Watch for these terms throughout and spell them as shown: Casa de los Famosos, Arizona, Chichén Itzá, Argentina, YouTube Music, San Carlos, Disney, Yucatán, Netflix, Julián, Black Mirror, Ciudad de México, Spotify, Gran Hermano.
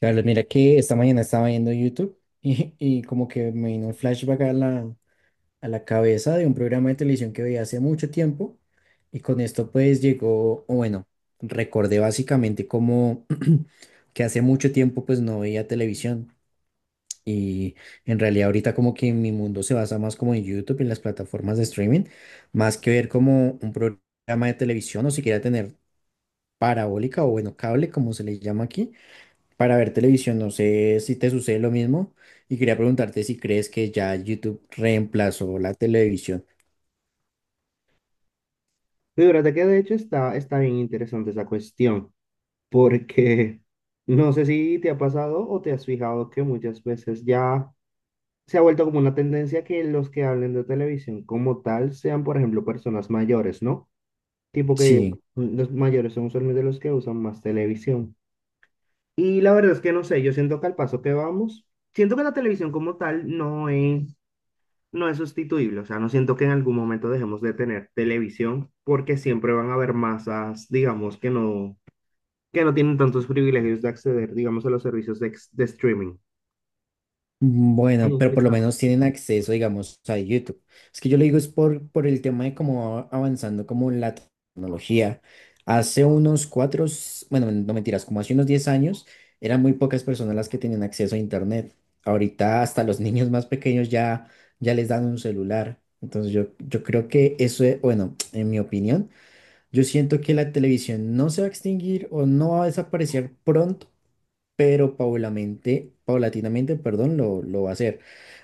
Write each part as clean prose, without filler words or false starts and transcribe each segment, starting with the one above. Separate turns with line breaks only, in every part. Carlos, mira que esta mañana estaba viendo YouTube y como que me vino un flashback a la cabeza de un programa de televisión que veía hace mucho tiempo y con esto pues llegó, o bueno, recordé básicamente como que hace mucho tiempo pues no veía televisión y en realidad ahorita como que mi mundo se basa más como en YouTube y en las plataformas de streaming, más que ver como un programa de televisión o siquiera tener parabólica o bueno, cable como se le llama aquí para ver televisión. No sé si te sucede lo mismo y quería preguntarte si crees que ya YouTube reemplazó la televisión.
Fíjate que de hecho está bien interesante esa cuestión, porque no sé si te ha pasado o te has fijado que muchas veces ya se ha vuelto como una tendencia que los que hablen de televisión como tal sean, por ejemplo, personas mayores, ¿no? Tipo que
Sí,
los mayores son usualmente los que usan más televisión. Y la verdad es que no sé, yo siento que al paso que vamos, siento que la televisión como tal no es sustituible. O sea, no siento que en algún momento dejemos de tener televisión porque siempre van a haber masas, digamos, que no tienen tantos privilegios de acceder, digamos, a los servicios de streaming. En
bueno, pero
este
por lo
caso.
menos tienen acceso, digamos, a YouTube. Es que yo le digo es por el tema de cómo va avanzando como la tecnología. Hace unos cuatro, s- Bueno, no mentiras, como hace unos 10 años, eran muy pocas personas las que tenían acceso a Internet. Ahorita hasta los niños más pequeños ya, ya les dan un celular. Entonces yo creo que bueno, en mi opinión, yo siento que la televisión no se va a extinguir o no va a desaparecer pronto, pero paulatinamente, paulatinamente, perdón, lo va a hacer.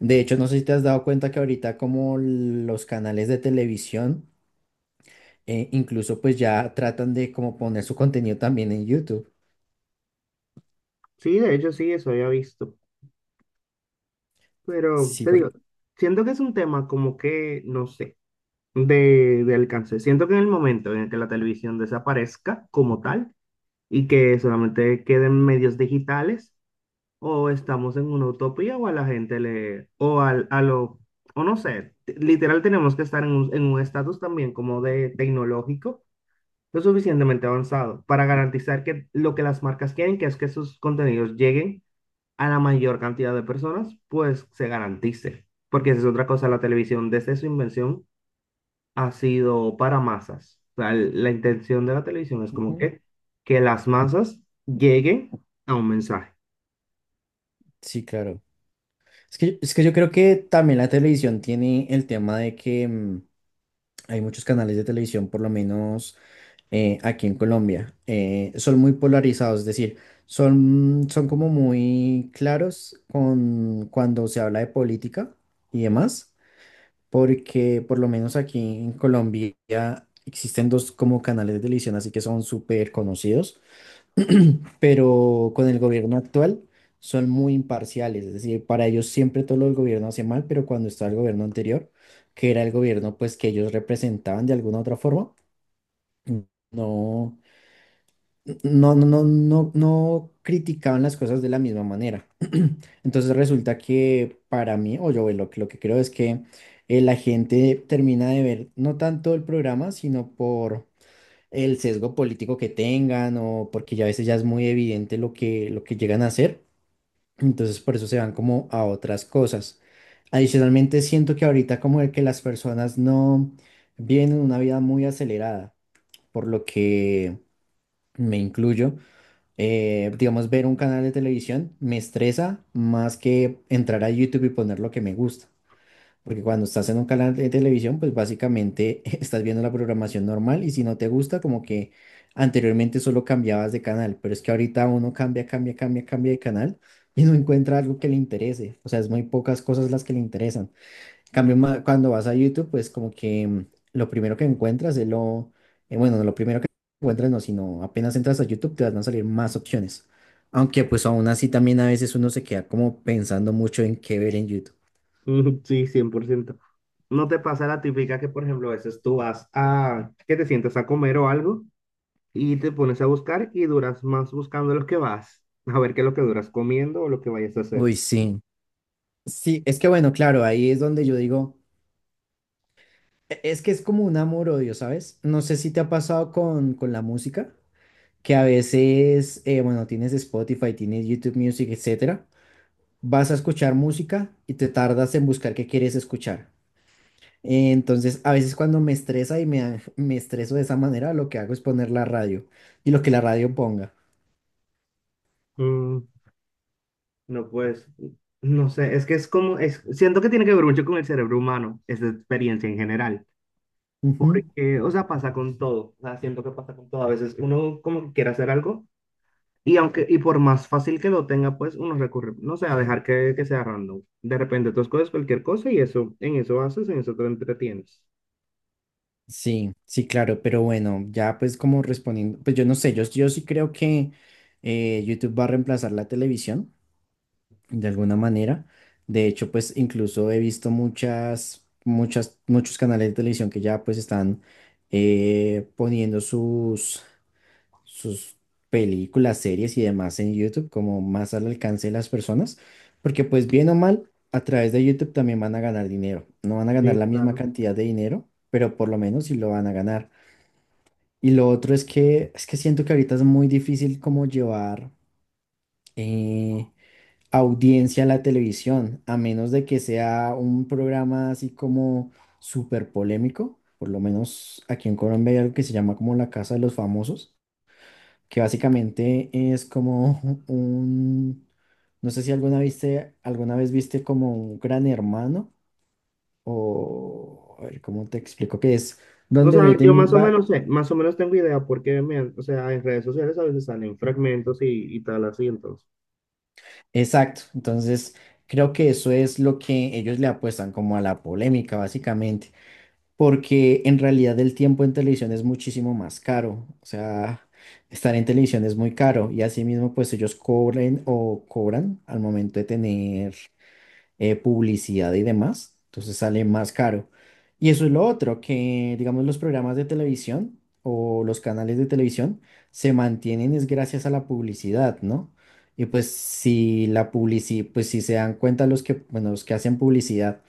De hecho, no sé si te has dado cuenta que ahorita como los canales de televisión, incluso pues ya tratan de como poner su contenido también en YouTube.
Sí, de hecho, sí, eso había visto. Pero
Sí,
te
porque…
digo, siento que es un tema como que, no sé, de alcance. Siento que en el momento en el que la televisión desaparezca como tal y que solamente queden medios digitales, o estamos en una utopía o a la gente le, o al, a lo, o no sé, t- literal tenemos que estar en un estatus también como de tecnológico, lo suficientemente avanzado para garantizar que lo que las marcas quieren, que es que sus contenidos lleguen a la mayor cantidad de personas, pues se garantice. Porque esa es otra cosa, la televisión desde su invención ha sido para masas. O sea, la intención de la televisión es como
Ujú.
que las masas lleguen a un mensaje.
Sí, claro. Es que yo creo que también la televisión tiene el tema de que hay muchos canales de televisión, por lo menos aquí en Colombia. Son muy polarizados, es decir, son como muy claros con cuando se habla de política y demás, porque por lo menos aquí en Colombia existen dos como canales de televisión, así que son súper conocidos, pero con el gobierno actual son muy imparciales, es decir, para ellos siempre todo el gobierno hace mal, pero cuando está el gobierno anterior, que era el gobierno pues que ellos representaban de alguna otra forma, no no criticaban las cosas de la misma manera. Entonces resulta que para mí, o lo que creo es que la gente termina de ver no tanto el programa, sino por el sesgo político que tengan o porque ya a veces ya es muy evidente lo que llegan a hacer. Entonces por eso se van como a otras cosas. Adicionalmente siento que ahorita como el que las personas no viven una vida muy acelerada, por lo que me incluyo, digamos, ver un canal de televisión me estresa más que entrar a YouTube y poner lo que me gusta. Porque cuando estás en un canal de televisión, pues básicamente estás viendo la programación normal y si no te gusta, como que anteriormente solo cambiabas de canal, pero es que ahorita uno cambia, cambia, cambia, cambia de canal y no encuentra algo que le interese. O sea, es muy pocas cosas las que le interesan. En cambio, cuando vas a YouTube, pues como que lo primero que encuentras es bueno, no lo primero que encuentras no, sino apenas entras a YouTube te van a salir más opciones. Aunque pues aún así también a veces uno se queda como pensando mucho en qué ver en YouTube.
Mm, sí, 100%. ¿No te pasa la típica que, por ejemplo, a veces que te sientas a comer o algo y te pones a buscar y duras más buscando lo que vas, a ver qué es lo que duras comiendo o lo que vayas a hacer?
Uy, sí. Sí, es que bueno, claro, ahí es donde yo digo, es que es como un amor-odio, ¿sabes? No sé si te ha pasado con la música, que a veces, bueno, tienes Spotify, tienes YouTube Music, etcétera, vas a escuchar música y te tardas en buscar qué quieres escuchar. Entonces, a veces cuando me estresa y me, da- me estreso de esa manera, lo que hago es poner la radio y lo que la radio ponga.
Mm, no, pues, no sé, es que es como, es, siento que tiene que ver mucho con el cerebro humano, esa experiencia en general,
Ujú.
porque, o sea, pasa con todo, o sea, siento que pasa con todo. A veces uno como que quiere hacer algo. Y aunque, y por más fácil que lo tenga, pues uno recurre, no sé, a dejar que sea random. De repente tú escoges cualquier cosa y eso, en eso haces, en eso te entretienes.
Sí, sí, claro, pero bueno, ya pues como respondiendo, pues yo no sé, yo sí creo que, YouTube va a reemplazar la televisión de alguna manera. De hecho, pues incluso he visto muchos canales de televisión que ya pues están poniendo sus películas, series y demás en YouTube, como más al alcance de las personas, porque pues bien o mal, a través de YouTube también van a ganar dinero. No van a ganar
Sí,
la misma
claro.
cantidad de dinero, pero por lo menos sí lo van a ganar. Y lo otro es que siento que ahorita es muy difícil como llevar, eh, audiencia a la televisión, a menos de que sea un programa así como súper polémico. Por lo menos aquí en Colombia hay algo que se llama como la Casa de los Famosos que básicamente es como un, no sé si alguna viste, alguna vez viste como un Gran Hermano o, a ver, ¿cómo te explico qué es?
O
Donde
sea, yo
meten,
más o menos sé, más o menos tengo idea porque, o sea, en redes sociales a veces salen fragmentos y tal así, entonces.
exacto, entonces creo que eso es lo que ellos le apuestan como a la polémica básicamente, porque en realidad el tiempo en televisión es muchísimo más caro, o sea… Estar en televisión es muy caro y asimismo pues ellos cobren o cobran al momento de tener publicidad y demás, entonces sale más caro. Y eso es lo otro, que digamos los programas de televisión o los canales de televisión se mantienen es gracias a la publicidad, ¿no? Y pues si pues si se dan cuenta bueno, los que hacen publicidad,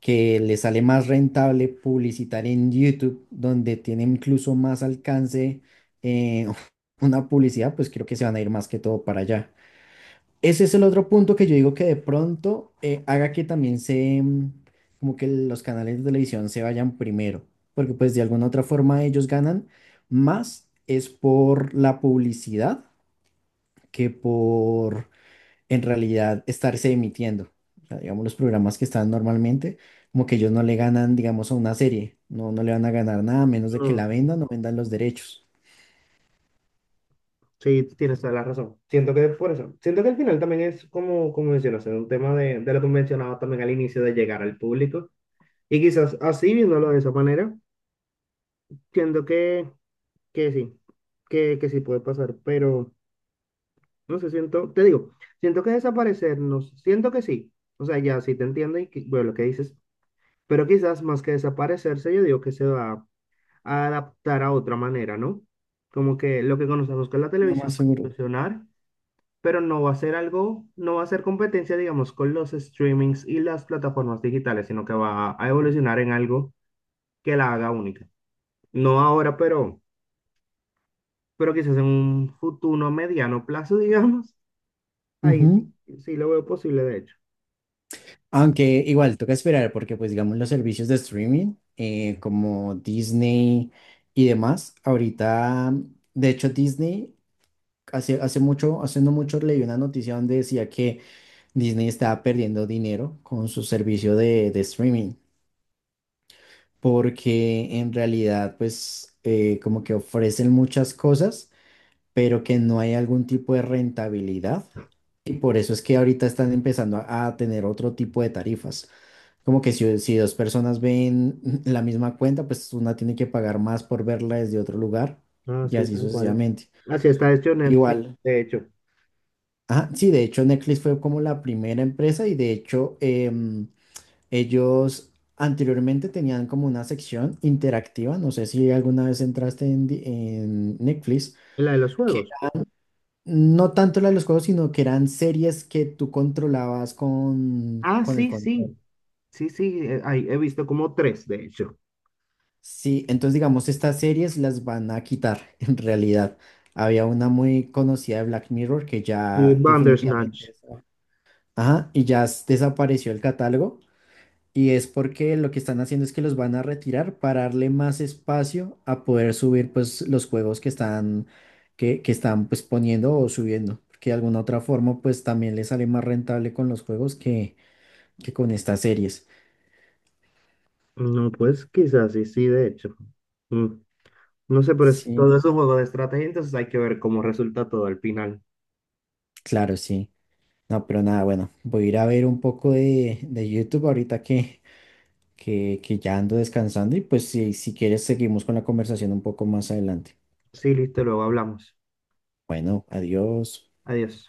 que les sale más rentable publicitar en YouTube, donde tiene incluso más alcance, eh, una publicidad, pues creo que se van a ir más que todo para allá. Ese es el otro punto que yo digo que de pronto haga que también como que los canales de televisión se vayan primero, porque pues de alguna otra forma ellos ganan más es por la publicidad que por en realidad estarse emitiendo. O sea, digamos, los programas que están normalmente, como que ellos no le ganan, digamos, a una serie, no, no le van a ganar nada a menos de que
Mm,
la vendan o vendan los derechos.
sí, tienes toda la razón. Siento que por eso, siento que al final también es como, como mencionas, es un tema de lo que mencionaba también al inicio de llegar al público. Y quizás así, viéndolo de esa manera, siento que sí, que sí puede pasar, pero no sé, siento, te digo, siento que desaparecernos, siento que sí, o sea, ya sí te entiendo bueno, lo que dices, pero quizás más que desaparecerse, yo digo que se va a adaptar a otra manera, ¿no? Como que lo que conocemos con la
No,
televisión
más
va a
seguro.
evolucionar, pero no va a ser algo, no va a ser competencia, digamos, con los streamings y las plataformas digitales, sino que va a evolucionar en algo que la haga única. No ahora, pero quizás en un futuro mediano plazo, digamos, ahí sí, sí lo veo posible, de hecho.
Aunque igual toca esperar porque pues digamos los servicios de streaming, como Disney y demás, ahorita de hecho Disney hace no mucho leí una noticia donde decía que Disney estaba perdiendo dinero con su servicio de streaming porque en realidad pues como que ofrecen muchas cosas pero que no hay algún tipo de rentabilidad y por eso es que ahorita están empezando a tener otro tipo de tarifas. Como que si 2 personas ven la misma cuenta, pues una tiene que pagar más por verla desde otro lugar
Ah,
y
sí,
así
tal cual.
sucesivamente.
Así está hecho Netflix,
Igual.
de hecho.
Ajá, sí, de hecho Netflix fue como la primera empresa y de hecho ellos anteriormente tenían como una sección interactiva, no sé si alguna vez en Netflix,
La de los
que
juegos.
no tanto la de los juegos, sino que eran series que tú controlabas
Ah,
con el
sí,
control.
sí. Sí, sí, ahí he visto como tres, de hecho.
Sí, entonces digamos, estas series las van a quitar en realidad. Había una muy conocida de Black Mirror que
Y
ya definitivamente…
Bandersnatch.
esa- Ajá, y ya desapareció el catálogo. Y es porque lo que están haciendo es que los van a retirar para darle más espacio a poder subir pues los juegos que están, que están pues poniendo o subiendo. Porque de alguna otra forma pues también les sale más rentable con los juegos que con estas series.
No, pues quizás sí, sí, de hecho. Mm, no sé, pero es,
Sí,
todo es un juego de estrategia, entonces hay que ver cómo resulta todo al final.
claro, sí. No, pero nada, bueno, voy a ir a ver un poco de YouTube ahorita que ya ando descansando y pues si quieres seguimos con la conversación un poco más adelante.
Sí, listo, luego hablamos.
Bueno, adiós.
Adiós.